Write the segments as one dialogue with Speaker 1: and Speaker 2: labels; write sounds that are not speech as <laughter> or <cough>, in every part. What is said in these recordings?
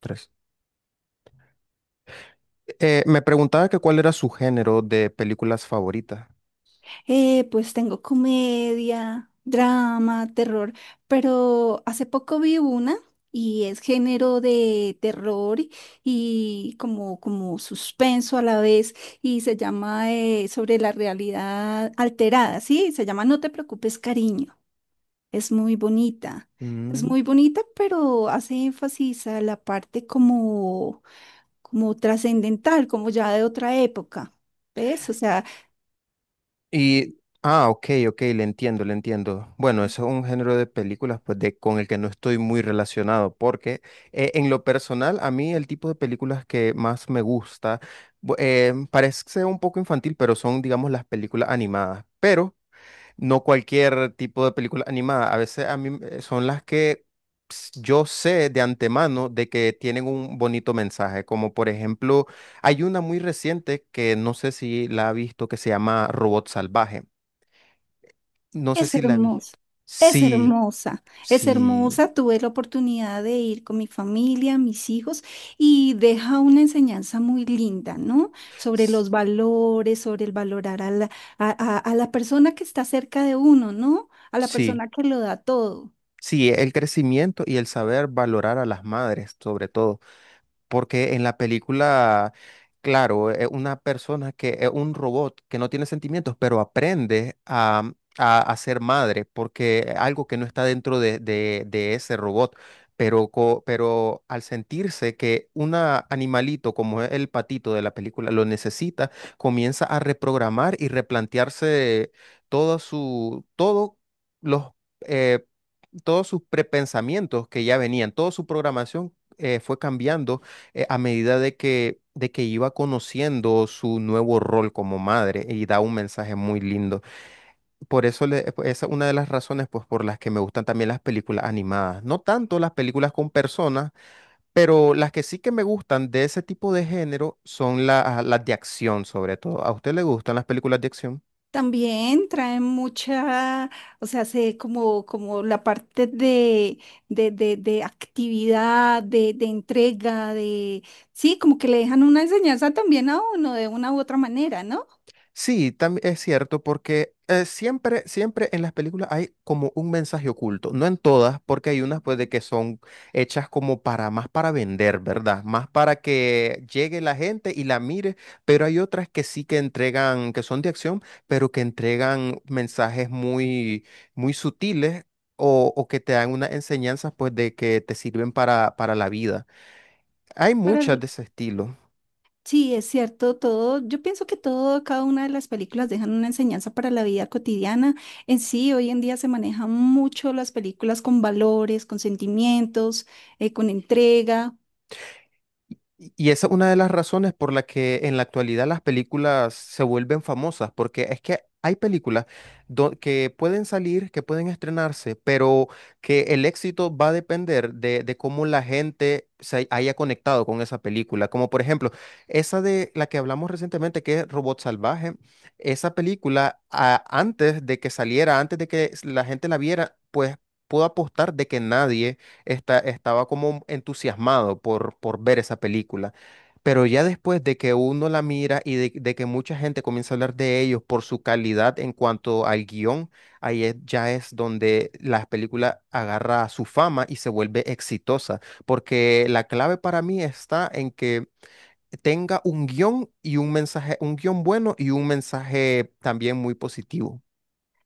Speaker 1: Tres. Me preguntaba que cuál era su género de películas favorita.
Speaker 2: Pues tengo comedia, drama, terror, pero hace poco vi una y es género de terror y como, como suspenso a la vez y se llama sobre la realidad alterada, ¿sí? Se llama No te preocupes, cariño. Es muy bonita, es
Speaker 1: Mm.
Speaker 2: muy bonita, pero hace énfasis a la parte como, como trascendental, como ya de otra época. ¿Ves? O sea,
Speaker 1: Ok, ok, le entiendo, le entiendo. Bueno, eso es un género de películas pues, con el que no estoy muy relacionado, porque en lo personal, a mí el tipo de películas que más me gusta, parece un poco infantil, pero son, digamos, las películas animadas. Pero no cualquier tipo de película animada. A veces a mí son las que yo sé de antemano de que tienen un bonito mensaje, como por ejemplo, hay una muy reciente que no sé si la ha visto que se llama Robot Salvaje. No sé
Speaker 2: es
Speaker 1: si la ha
Speaker 2: hermosa,
Speaker 1: visto.
Speaker 2: es
Speaker 1: Sí,
Speaker 2: hermosa, es
Speaker 1: sí,
Speaker 2: hermosa. Tuve la oportunidad de ir con mi familia, mis hijos, y deja una enseñanza muy linda, ¿no? Sobre
Speaker 1: s-
Speaker 2: los valores, sobre el valorar a la, a la persona que está cerca de uno, ¿no? A la
Speaker 1: sí.
Speaker 2: persona que lo da todo.
Speaker 1: Sí, el crecimiento y el saber valorar a las madres, sobre todo. Porque en la película, claro, es una persona que es un robot que no tiene sentimientos, pero aprende a ser madre, porque es algo que no está dentro de ese robot. Pero, pero al sentirse que un animalito como es el patito de la película lo necesita, comienza a reprogramar y replantearse todo los, eh, todos sus prepensamientos que ya venían, toda su programación fue cambiando a medida de que iba conociendo su nuevo rol como madre y da un mensaje muy lindo. Esa es una de las razones pues, por las que me gustan también las películas animadas. No tanto las películas con personas, pero las que sí que me gustan de ese tipo de género son las de acción sobre todo. ¿A usted le gustan las películas de acción?
Speaker 2: También traen mucha, o sea, se como, como la parte de actividad, de entrega, de, sí, como que le dejan una enseñanza también a uno de una u otra manera, ¿no?
Speaker 1: Sí, también es cierto, porque siempre, siempre en las películas hay como un mensaje oculto. No en todas, porque hay unas pues de que son hechas como para más para vender, ¿verdad? Más para que llegue la gente y la mire, pero hay otras que sí que entregan, que son de acción, pero que entregan mensajes muy, muy sutiles. O que te dan unas enseñanzas pues de que te sirven para la vida. Hay
Speaker 2: Para
Speaker 1: muchas de
Speaker 2: el-
Speaker 1: ese estilo.
Speaker 2: sí, es cierto, todo, yo pienso que todo, cada una de las películas dejan una enseñanza para la vida cotidiana. En sí, hoy en día se manejan mucho las películas con valores, con sentimientos, con entrega.
Speaker 1: Y y esa es una de las razones por la que en la actualidad las películas se vuelven famosas, porque es que hay películas que pueden salir, que pueden estrenarse, pero que el éxito va a depender de cómo la gente se haya conectado con esa película. Como por ejemplo, esa de la que hablamos recientemente, que es Robot Salvaje, esa película antes de que saliera, antes de que la gente la viera, pues pudo apostar de que nadie estaba como entusiasmado por ver esa película. Pero ya después de que uno la mira y de que mucha gente comienza a hablar de ellos por su calidad en cuanto al guión, ya es donde la película agarra su fama y se vuelve exitosa. Porque la clave para mí está en que tenga un guión y un mensaje, un guión bueno y un mensaje también muy positivo.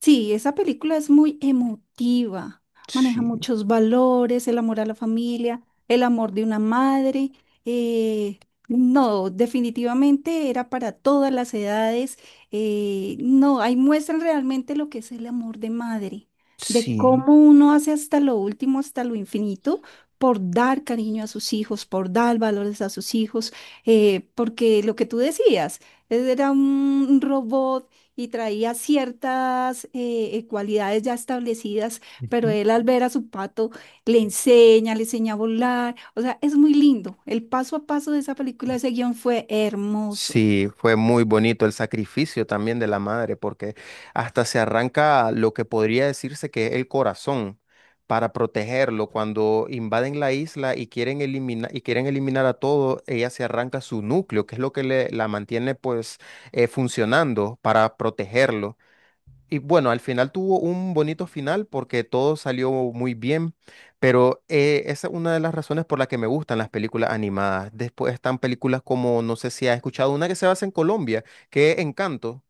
Speaker 2: Sí, esa película es muy emotiva, maneja
Speaker 1: Sí,
Speaker 2: muchos valores, el amor a la familia, el amor de una madre. eh, no, definitivamente era para todas las edades. No, ahí muestran realmente lo que es el amor de madre, de
Speaker 1: sí.
Speaker 2: cómo uno hace hasta lo último, hasta lo infinito, por dar cariño a sus hijos, por dar valores a sus hijos, porque lo que tú decías, él era un robot y traía ciertas cualidades ya establecidas, pero él al ver a su pato le enseña a volar, o sea, es muy lindo. El paso a paso de esa película, ese guión fue hermoso.
Speaker 1: Sí, fue muy bonito el sacrificio también de la madre, porque hasta se arranca lo que podría decirse que es el corazón para protegerlo. Cuando invaden la isla y quieren eliminar a todo, ella se arranca su núcleo, que es lo que le, la mantiene pues funcionando para protegerlo. Y bueno, al final tuvo un bonito final porque todo salió muy bien, pero esa es una de las razones por la que me gustan las películas animadas. Después están películas como, no sé si has escuchado, una que se basa en Colombia, que es Encanto.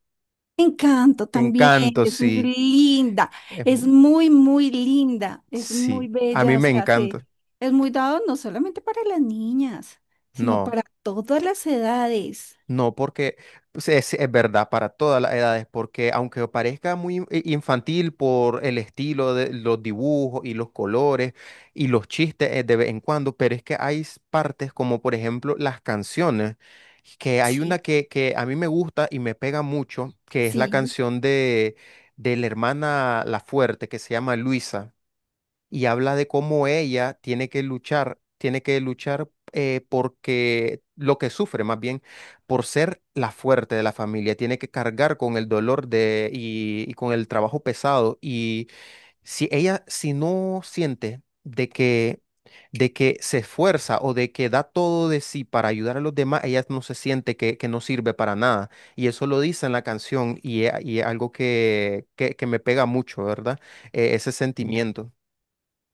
Speaker 2: Encanto también,
Speaker 1: Encanto,
Speaker 2: es muy
Speaker 1: sí.
Speaker 2: linda,
Speaker 1: Es
Speaker 2: es
Speaker 1: muy-
Speaker 2: muy, muy linda, es muy
Speaker 1: Sí, a mí
Speaker 2: bella, o
Speaker 1: me
Speaker 2: sea,
Speaker 1: encanta.
Speaker 2: es muy dado no solamente para las niñas, sino
Speaker 1: No.
Speaker 2: para todas las edades.
Speaker 1: No, porque pues, es verdad para todas las edades, porque aunque parezca muy infantil por el estilo de los dibujos y los colores y los chistes de vez en cuando, pero es que hay partes como por ejemplo las canciones, que hay una
Speaker 2: Sí,
Speaker 1: que a mí me gusta y me pega mucho, que es la
Speaker 2: sí,
Speaker 1: canción de la hermana La Fuerte, que se llama Luisa y habla de cómo ella tiene que luchar porque lo que sufre más bien por ser la fuerte de la familia, tiene que cargar con el dolor de y con el trabajo pesado y si ella si no siente de que se esfuerza o de que da todo de sí para ayudar a los demás, ella no se siente que no sirve para nada. Y eso lo dice en la canción y, y es algo que me pega mucho, ¿verdad? Ese sentimiento.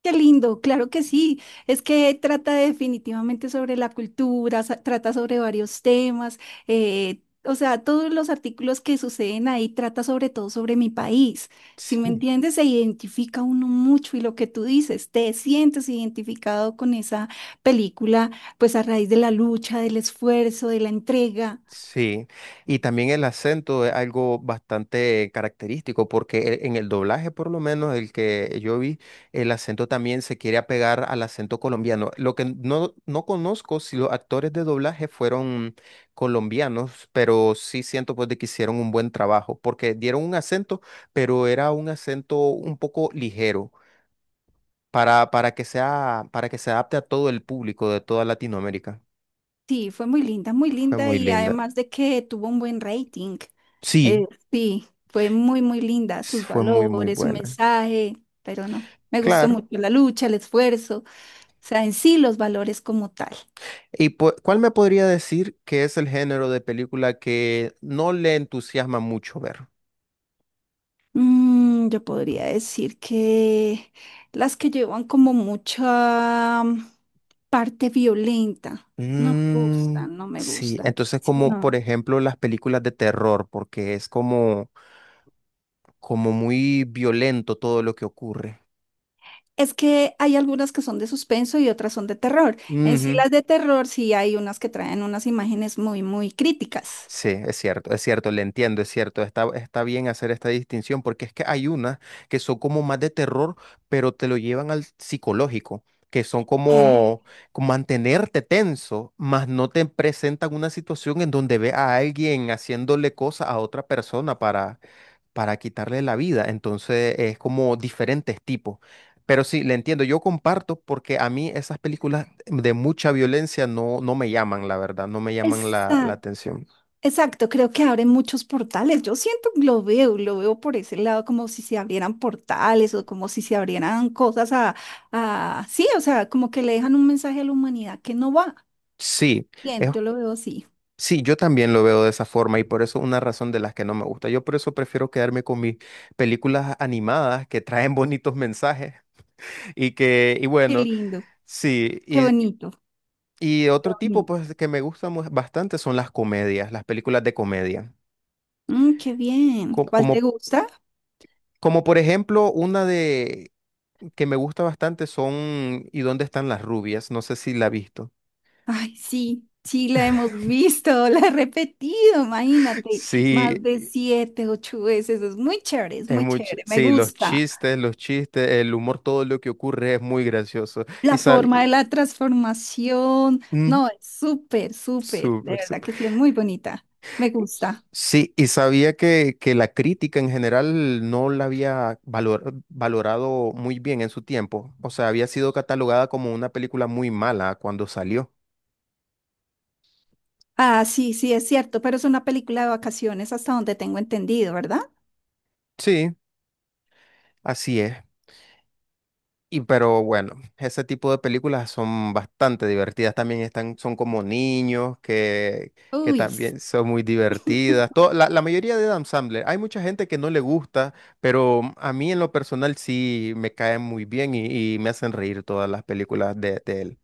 Speaker 2: qué lindo, claro que sí. Es que trata definitivamente sobre la cultura, trata sobre varios temas. O sea, todos los artículos que suceden ahí trata sobre todo sobre mi país. Si me
Speaker 1: Sí.
Speaker 2: entiendes, se identifica uno mucho y lo que tú dices, te sientes identificado con esa película, pues a raíz de la lucha, del esfuerzo, de la entrega.
Speaker 1: Sí, y también el acento es algo bastante característico porque en el doblaje, por lo menos el que yo vi, el acento también se quiere apegar al acento colombiano. Lo que no, no conozco si los actores de doblaje fueron colombianos, pero sí siento pues de que hicieron un buen trabajo porque dieron un acento, pero era un acento un poco ligero para que sea, para que se adapte a todo el público de toda Latinoamérica.
Speaker 2: Sí, fue muy
Speaker 1: Fue
Speaker 2: linda
Speaker 1: muy
Speaker 2: y
Speaker 1: linda.
Speaker 2: además de que tuvo un buen rating. Eh,
Speaker 1: Sí,
Speaker 2: sí, fue muy, muy linda,
Speaker 1: sí,
Speaker 2: sus
Speaker 1: fue muy, muy
Speaker 2: valores, su
Speaker 1: buena.
Speaker 2: mensaje, pero no, me gustó
Speaker 1: Claro.
Speaker 2: mucho la lucha, el esfuerzo, o sea, en sí los valores como tal.
Speaker 1: Cuál me podría decir que es el género de película que no le entusiasma mucho ver?
Speaker 2: Yo podría decir que las que llevan como mucha parte violenta, no me
Speaker 1: Mm,
Speaker 2: gustan, no me
Speaker 1: sí,
Speaker 2: gustan.
Speaker 1: entonces
Speaker 2: Así
Speaker 1: como por
Speaker 2: no.
Speaker 1: ejemplo las películas de terror, porque es como, como muy violento todo lo que ocurre.
Speaker 2: Es que hay algunas que son de suspenso y otras son de terror. En sí
Speaker 1: Ujú.
Speaker 2: las de terror sí hay unas que traen unas imágenes muy, muy críticas.
Speaker 1: Sí, es cierto, le entiendo, es cierto, está, está bien hacer esta distinción porque es que hay unas que son como más de terror, pero te lo llevan al psicológico, que son
Speaker 2: Eh,
Speaker 1: como, como mantenerte tenso, más no te presentan una situación en donde ve a alguien haciéndole cosas a otra persona para quitarle la vida, entonces es como diferentes tipos. Pero sí, le entiendo, yo comparto porque a mí esas películas de mucha violencia no, no me llaman, la verdad, no me llaman la
Speaker 2: Exacto,
Speaker 1: atención.
Speaker 2: exacto, creo que abren muchos portales. Yo siento, lo veo por ese lado, como si se abrieran portales o como si se abrieran cosas a, sí, o sea, como que le dejan un mensaje a la humanidad que no va.
Speaker 1: Sí,
Speaker 2: Bien,
Speaker 1: es,
Speaker 2: yo lo veo así.
Speaker 1: sí, yo también lo veo de esa forma y por eso una razón de las que no me gusta. Yo por eso prefiero quedarme con mis películas animadas que traen bonitos mensajes <laughs> y que, y
Speaker 2: Qué
Speaker 1: bueno,
Speaker 2: lindo,
Speaker 1: sí,
Speaker 2: qué bonito,
Speaker 1: y
Speaker 2: qué
Speaker 1: otro tipo
Speaker 2: bonito.
Speaker 1: pues que me gusta bastante son las comedias, las películas de comedia.
Speaker 2: Mm, qué bien. ¿Cuál te
Speaker 1: Como,
Speaker 2: gusta?
Speaker 1: como, por ejemplo una de que me gusta bastante son ¿Y dónde están las rubias? No sé si la has visto.
Speaker 2: Ay, sí, sí, la hemos visto, <laughs> la he repetido,
Speaker 1: <laughs>
Speaker 2: imagínate, más
Speaker 1: Sí,
Speaker 2: de 7, 8 veces. Es
Speaker 1: es
Speaker 2: muy
Speaker 1: mucho,
Speaker 2: chévere, me
Speaker 1: sí,
Speaker 2: gusta.
Speaker 1: los chistes, el humor, todo lo que ocurre es muy gracioso. Y
Speaker 2: La
Speaker 1: sabía,
Speaker 2: forma de la transformación. No, es súper, súper. De
Speaker 1: súper,
Speaker 2: verdad
Speaker 1: súper.
Speaker 2: que sí, es muy bonita. Me gusta.
Speaker 1: Sí, y sabía que la crítica en general no la había valorado muy bien en su tiempo. O sea, había sido catalogada como una película muy mala cuando salió.
Speaker 2: Ah, sí, sí, es cierto, pero es una película de vacaciones hasta donde tengo entendido, ¿verdad?
Speaker 1: Sí, así es. Pero bueno, ese tipo de películas son bastante divertidas también, están, son como niños que
Speaker 2: Uy,
Speaker 1: también son muy divertidas. La, la mayoría de Adam Sandler, hay mucha gente que no le gusta, pero a mí en lo personal sí me caen muy bien y me hacen reír todas las películas de él.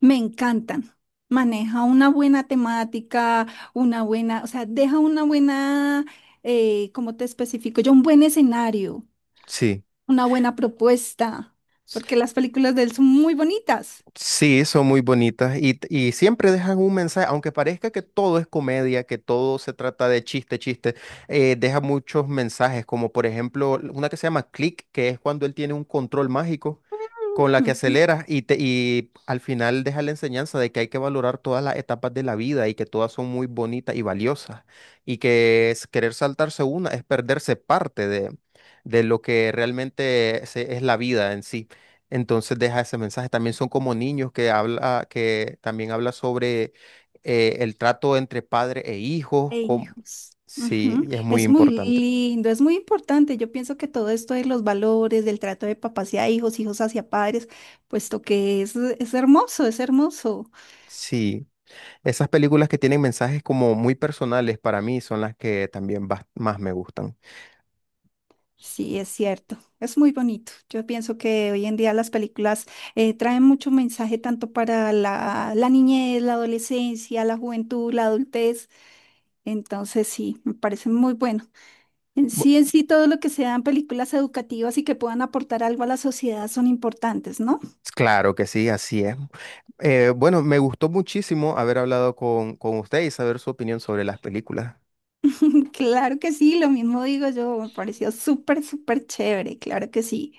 Speaker 2: me encantan. Maneja una buena temática, una buena, o sea, deja una buena, ¿cómo te especifico? Yo un buen escenario,
Speaker 1: Sí.
Speaker 2: una buena propuesta, porque las películas de él son muy bonitas.
Speaker 1: Sí, son muy bonitas y siempre dejan un mensaje, aunque parezca que todo es comedia, que todo se trata de chiste, chiste, deja muchos mensajes, como por ejemplo una que se llama Click, que es cuando él tiene un control mágico con la que
Speaker 2: Ujú.
Speaker 1: aceleras y, te, y al final deja la enseñanza de que hay que valorar todas las etapas de la vida y que todas son muy bonitas y valiosas y que es querer saltarse una es perderse parte de lo que realmente es la vida en sí. Entonces deja ese mensaje. También son como niños que habla, que también habla sobre el trato entre padre e hijos.
Speaker 2: E hijos.
Speaker 1: Sí,
Speaker 2: Ujú.
Speaker 1: es muy
Speaker 2: Es muy
Speaker 1: importante.
Speaker 2: lindo, es muy importante. Yo pienso que todo esto de los valores, del trato de papá hacia hijos, hijos hacia padres, puesto que es hermoso, es hermoso.
Speaker 1: Sí, esas películas que tienen mensajes como muy personales para mí son las que también más me gustan.
Speaker 2: Sí, es cierto, es muy bonito. Yo pienso que hoy en día las películas traen mucho mensaje tanto para la niñez, la adolescencia, la juventud, la adultez. Entonces, sí, me parece muy bueno.
Speaker 1: Bu-
Speaker 2: En sí, todo lo que sean películas educativas y que puedan aportar algo a la sociedad son importantes, ¿no?
Speaker 1: Claro que sí, así es. Bueno, me gustó muchísimo haber hablado con usted y saber su opinión sobre las películas.
Speaker 2: <laughs> Claro que sí, lo mismo digo yo, me pareció súper, súper chévere, claro que sí.